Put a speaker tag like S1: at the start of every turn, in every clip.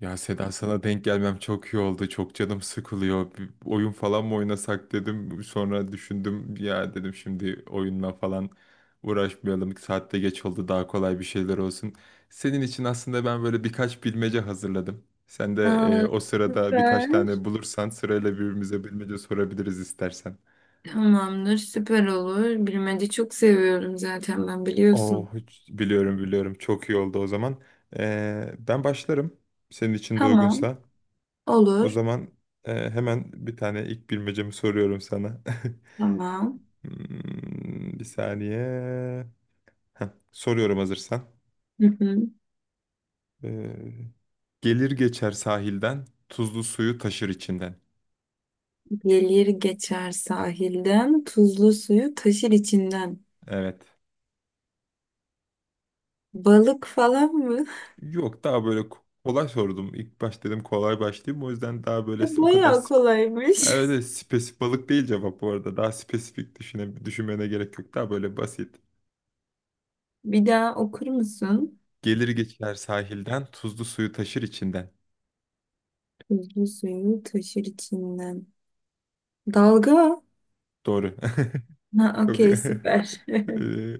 S1: Ya Seda sana denk gelmem çok iyi oldu. Çok canım sıkılıyor. Bir oyun falan mı oynasak dedim. Sonra düşündüm ya dedim şimdi oyunla falan uğraşmayalım. Saatte geç oldu daha kolay bir şeyler olsun. Senin için aslında ben böyle birkaç bilmece hazırladım. Sen de
S2: Aa,
S1: o sırada birkaç
S2: süper.
S1: tane bulursan sırayla birbirimize bilmece sorabiliriz istersen.
S2: Tamamdır, süper olur. Bilmece çok seviyorum zaten ben
S1: Oh
S2: biliyorsun.
S1: biliyorum, biliyorum, çok iyi oldu o zaman. Ben başlarım senin için de
S2: Tamam,
S1: uygunsa. O
S2: olur.
S1: zaman hemen bir tane ilk bilmecemi soruyorum sana.
S2: Tamam.
S1: Hmm, bir saniye. Heh, soruyorum hazırsan.
S2: Hı hı.
S1: Ee, Gelir geçer sahilden, tuzlu suyu taşır içinden.
S2: Gelir geçer sahilden, tuzlu suyu taşır içinden.
S1: Evet.
S2: Balık falan mı?
S1: Yok, daha böyle kolay sordum. İlk baş dedim kolay başlayayım. O yüzden daha böyle o kadar
S2: Bayağı kolaymış.
S1: evet, evet, spesifik balık değil cevap bu arada. Daha spesifik düşünmene gerek yok. Daha böyle basit.
S2: Bir daha okur musun?
S1: Gelir geçer sahilden, tuzlu suyu taşır içinden.
S2: Tuzlu suyu taşır içinden. Dalga.
S1: Doğru.
S2: Ha,
S1: Çok-
S2: okey, süper.
S1: Ee,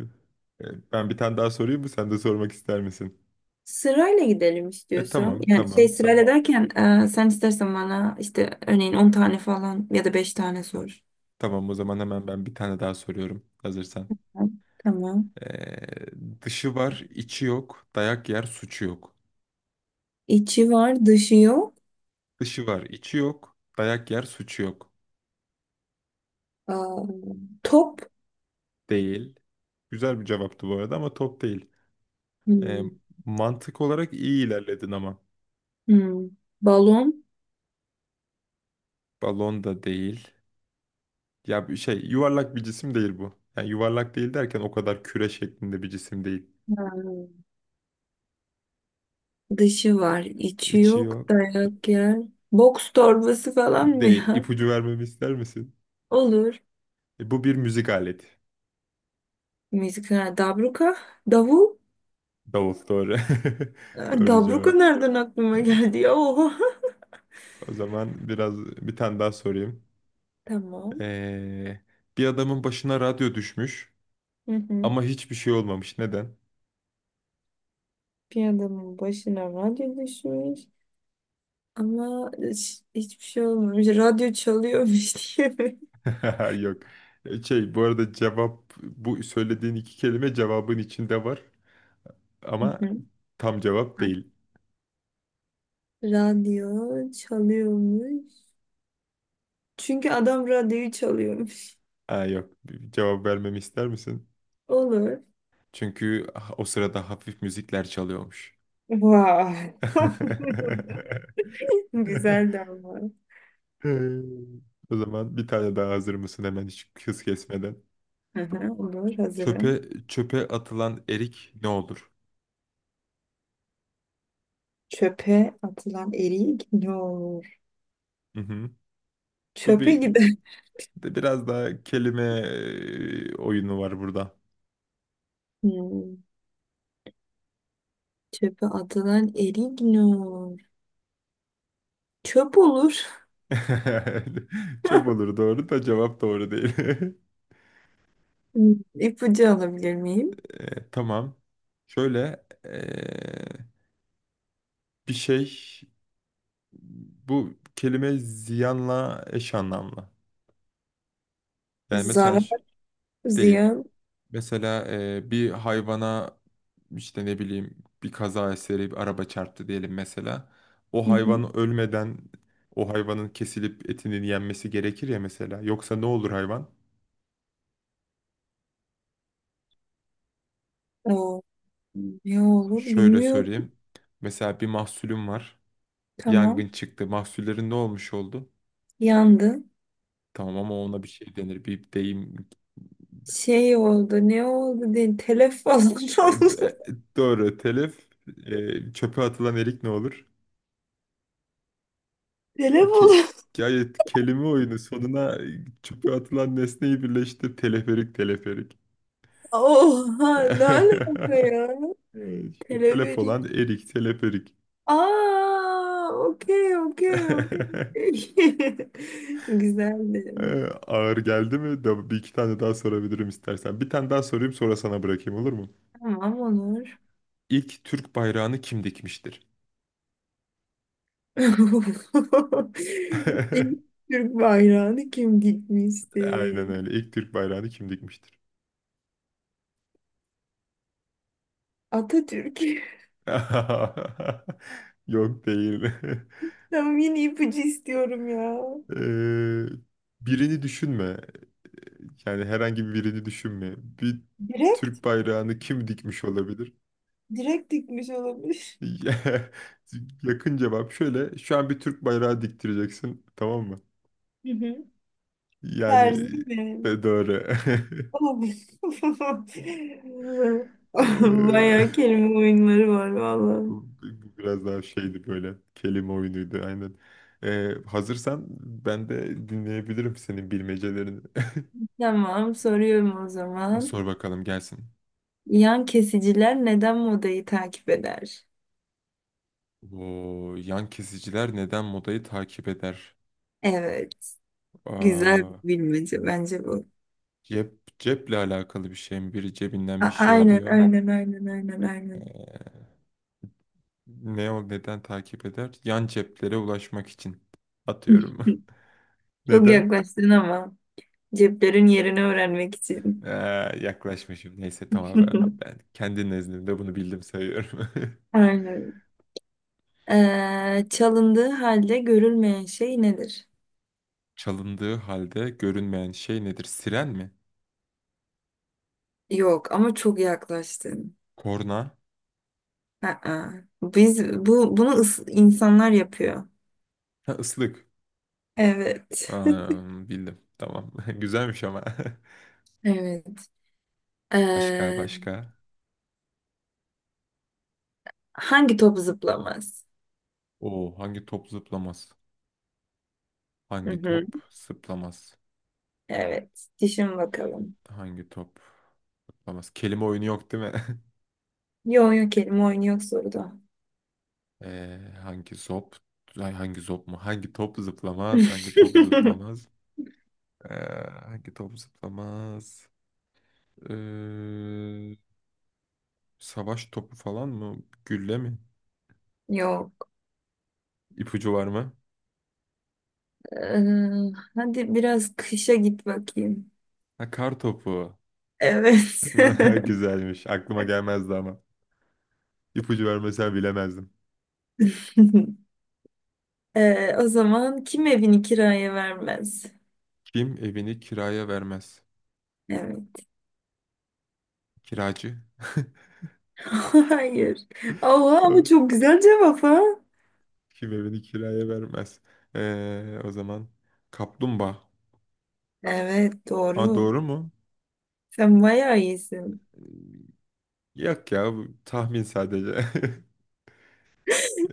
S1: Ben bir tane daha sorayım mı? Sen de sormak ister misin?
S2: Sırayla gidelim
S1: E
S2: istiyorsan.
S1: tamam,
S2: Yani şey
S1: tamam, tamam.
S2: sırayla derken sen istersen bana işte örneğin 10 tane falan ya da beş tane sor.
S1: Tamam, o zaman hemen ben bir tane daha soruyorum. Hazırsan.
S2: Tamam.
S1: Dışı var, içi yok. Dayak yer, suçu yok.
S2: İçi var, dışı yok.
S1: Dışı var, içi yok. Dayak yer, suçu yok.
S2: Aa, top.
S1: Değil. Güzel bir cevaptı bu arada ama top değil. Ee,
S2: Hmm.
S1: Mantık olarak iyi ilerledin ama.
S2: Hmm. Balon.
S1: Balon da değil. Ya bir şey, yuvarlak bir cisim değil bu. Yani yuvarlak değil derken o kadar küre şeklinde bir cisim değil.
S2: Hmm. Dışı var, içi
S1: İçi
S2: yok.
S1: yok.
S2: Dayak yer. Boks torbası falan mı
S1: Değil.
S2: ya?
S1: İpucu vermemi ister misin?
S2: Olur.
S1: E, bu bir müzik aleti.
S2: Müzik. Ha, Dabruka. Davul.
S1: Davul doğru.
S2: Aa,
S1: Doğru
S2: Dabruka
S1: cevap.
S2: nereden aklıma geldi ya? Oha.
S1: O zaman biraz bir tane daha sorayım.
S2: Tamam.
S1: Ee, Bir adamın başına radyo düşmüş
S2: Hı hı.
S1: ama hiçbir şey olmamış. Neden?
S2: Bir adamın başına radyo düşmüş ama hiçbir şey olmamış. Radyo çalıyormuş diye.
S1: Yok. E, şey, bu arada cevap, bu söylediğin iki kelime cevabın içinde var
S2: Hı
S1: ama
S2: hı.
S1: tam cevap değil.
S2: Radyo çalıyormuş. Çünkü adam radyoyu çalıyormuş.
S1: Ha, yok. Bir cevap vermemi ister misin?
S2: Olur.
S1: Çünkü ah, o sırada hafif müzikler çalıyormuş.
S2: Vay. Güzel de ama.
S1: Ee, O zaman bir tane daha, hazır mısın hemen hiç hız kesmeden?
S2: Hı hı, olur
S1: Çöpe
S2: hazırım.
S1: Çöpe atılan erik ne olur?
S2: Çöpe atılan erik ne olur?
S1: Hı hı. Bu
S2: Çöpe
S1: bir
S2: gider.
S1: de biraz daha kelime oyunu var burada.
S2: Hmm, çöpe atılan erik ne olur? Çöp olur.
S1: Çöp olur doğru da cevap doğru değil.
S2: Hmm, İpucu alabilir miyim?
S1: Tamam. Şöyle bir şey, bu kelime ziyanla eş anlamlı. Yani
S2: Zarar.
S1: mesaj değil.
S2: Ziya.
S1: Mesela bir hayvana işte ne bileyim bir kaza eseri bir araba çarptı diyelim mesela. O
S2: Hı hı.
S1: hayvan ölmeden o hayvanın kesilip etinin yenmesi gerekir ya mesela. Yoksa ne olur hayvan?
S2: O, ne olur
S1: Şöyle
S2: bilmiyorum.
S1: söyleyeyim. Mesela bir mahsulüm var.
S2: Tamam.
S1: Yangın çıktı. Mahsullerin ne olmuş oldu?
S2: Yandı.
S1: Tamam ama ona bir şey denir. Bir deyim.
S2: Şey oldu. Ne oldu? Telef falan
S1: E, d-
S2: oldu.
S1: doğru, telif. E, çöpe atılan erik ne olur? Bu
S2: Telef
S1: ke
S2: oldu.
S1: Gayet kelime oyunu. Sonuna çöpe atılan nesneyi birleştir. Teleferik, teleferik.
S2: Oha ne alaka ya?
S1: Evet, işte telef
S2: Teleferik.
S1: olan erik, teleferik.
S2: Aa, okey okey okey. Güzeldi.
S1: Ağır geldi mi? Da bir iki tane daha sorabilirim istersen. Bir tane daha sorayım, sonra sana bırakayım, olur mu?
S2: Tamam Onur.
S1: İlk Türk bayrağını kim dikmiştir?
S2: İlk Türk bayrağını kim
S1: Aynen
S2: dikmişti?
S1: öyle. İlk Türk bayrağını kim dikmiştir?
S2: Atatürk.
S1: Yok, değil.
S2: Tamam yine ipucu istiyorum ya.
S1: Ee, Birini düşünme. Yani herhangi birini düşünme. Bir
S2: Direkt,
S1: Türk bayrağını kim dikmiş olabilir?
S2: direkt dikmiş olabilir.
S1: Yakın cevap şöyle. Şu an bir Türk bayrağı diktireceksin, tamam mı?
S2: Hı hı.
S1: Yani
S2: Terzi mi?
S1: doğru.
S2: Oh.
S1: Eee,
S2: Bayağı kelime oyunları var vallahi.
S1: bu bu biraz daha şeydi böyle. Kelime oyunuydu aynen. Hazırsan ben de dinleyebilirim senin bilmecelerini.
S2: Tamam, soruyorum o zaman.
S1: Sor bakalım gelsin.
S2: Yan kesiciler neden modayı takip eder?
S1: Oo, yan kesiciler neden modayı takip eder?
S2: Evet, güzel
S1: Aa,
S2: bir bilmece bence bu.
S1: cep, ceple alakalı bir şey mi? Biri cebinden bir
S2: A-
S1: şey
S2: aynen,
S1: alıyor.
S2: aynen, aynen, aynen, aynen.
S1: Ee, Ne o, neden takip eder? Yan ceplere ulaşmak için atıyorum.
S2: Çok
S1: Neden?
S2: yaklaştın ama ceplerin yerini öğrenmek
S1: Ee,
S2: için.
S1: Yaklaşmışım. Neyse tamam, ben, ben kendi nezdimde bunu bildim sayıyorum.
S2: Aynen. Çalındığı halde görülmeyen şey nedir?
S1: Çalındığı halde görünmeyen şey nedir? Siren mi?
S2: Yok ama çok yaklaştın.
S1: Korna?
S2: Aa, biz bu bunu insanlar yapıyor.
S1: Ha, ıslık.
S2: Evet.
S1: Aa, bildim. Tamam. Güzelmiş ama.
S2: Evet.
S1: Başka,
S2: Ee,
S1: başka.
S2: hangi top zıplamaz?
S1: O hangi top zıplamaz?
S2: Hı
S1: Hangi
S2: hı.
S1: top zıplamaz?
S2: Evet. Düşün bakalım.
S1: Hangi top? Olmaz. Kelime oyunu yok değil mi?
S2: Yok yok kelime oyunu yok soruda.
S1: Hangi zop? Ay, hangi zop mu? Hangi top zıplamaz? Hangi top zıplamaz? Ee, Hangi top zıplamaz? Ee, Savaş topu falan mı? Gülle mi?
S2: Yok.
S1: İpucu var mı?
S2: Ee, hadi biraz kışa git bakayım.
S1: Ha, kar topu.
S2: Evet.
S1: Güzelmiş. Aklıma gelmezdi ama. İpucu vermesen bilemezdim.
S2: O zaman kim evini kiraya vermez?
S1: Kim evini kiraya vermez?
S2: Evet.
S1: Kiracı.
S2: Hayır. Allah ama
S1: Tamam.
S2: çok güzel cevap ha.
S1: Kim evini kiraya vermez? O zaman kaplumbağa.
S2: Evet
S1: Aa,
S2: doğru.
S1: doğru mu?
S2: Sen bayağı iyisin.
S1: Yok ya, bu tahmin sadece.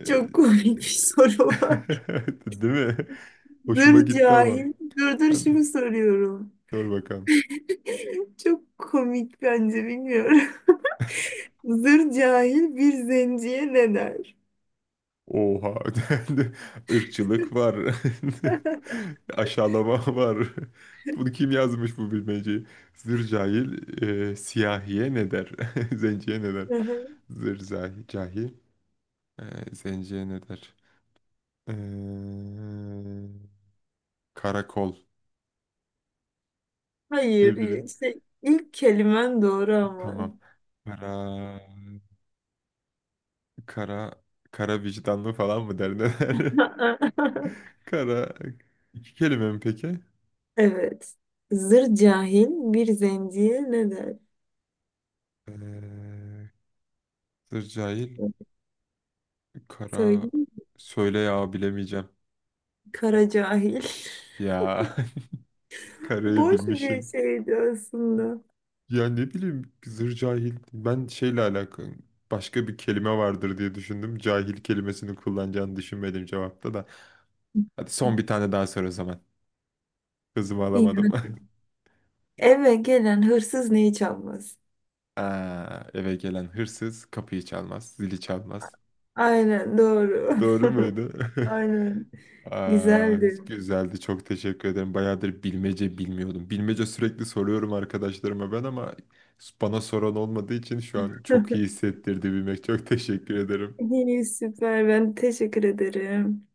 S2: Çok komik bir soru var.
S1: Değil mi?
S2: Dur
S1: Hoşuma gitti ama.
S2: cahil. Dur dur
S1: Hani,
S2: şimdi soruyorum.
S1: dur bakalım.
S2: Çok komik bence bilmiyorum. Zır cahil bir zenciye ne der?
S1: Oha. Irkçılık var. Aşağılama var. Bunu kim yazmış bu bilmeceyi? Zır cahil siyahiye ne der? Zenciye ne der?
S2: Hı hı.
S1: Cahil zenciye ne der? Eee, Karakol.
S2: Hayır
S1: Ne bileyim.
S2: işte ilk kelimen doğru ama.
S1: Tamam. Kara... Kara, kara vicdanlı falan mı der, ne der? Kara, iki kelime mi peki?
S2: Evet. Zır cahil bir zenciye ne der?
S1: Ee, Sır cahil, kara,
S2: Söyleyeyim.
S1: söyle ya, bilemeyeceğim.
S2: Kara cahil.
S1: Ya karayı
S2: Boş bir
S1: bilmişim.
S2: şeydi aslında.
S1: Ya ne bileyim zır cahil. Ben şeyle alakalı başka bir kelime vardır diye düşündüm. Cahil kelimesini kullanacağını düşünmedim cevapta da. Hadi son bir tane daha sor o zaman. Kızımı
S2: İyi.
S1: alamadım.
S2: Eve gelen hırsız neyi çalmaz?
S1: Aa, eve gelen hırsız kapıyı çalmaz, zili çalmaz.
S2: Aynen doğru.
S1: Doğru muydu?
S2: Aynen.
S1: Aa,
S2: Güzeldi.
S1: güzeldi. Çok teşekkür ederim. Bayağıdır bilmece bilmiyordum. Bilmece sürekli soruyorum arkadaşlarıma ben ama bana soran olmadığı için şu an çok iyi hissettirdi bilmek. Çok teşekkür ederim.
S2: İyi süper. Ben teşekkür ederim.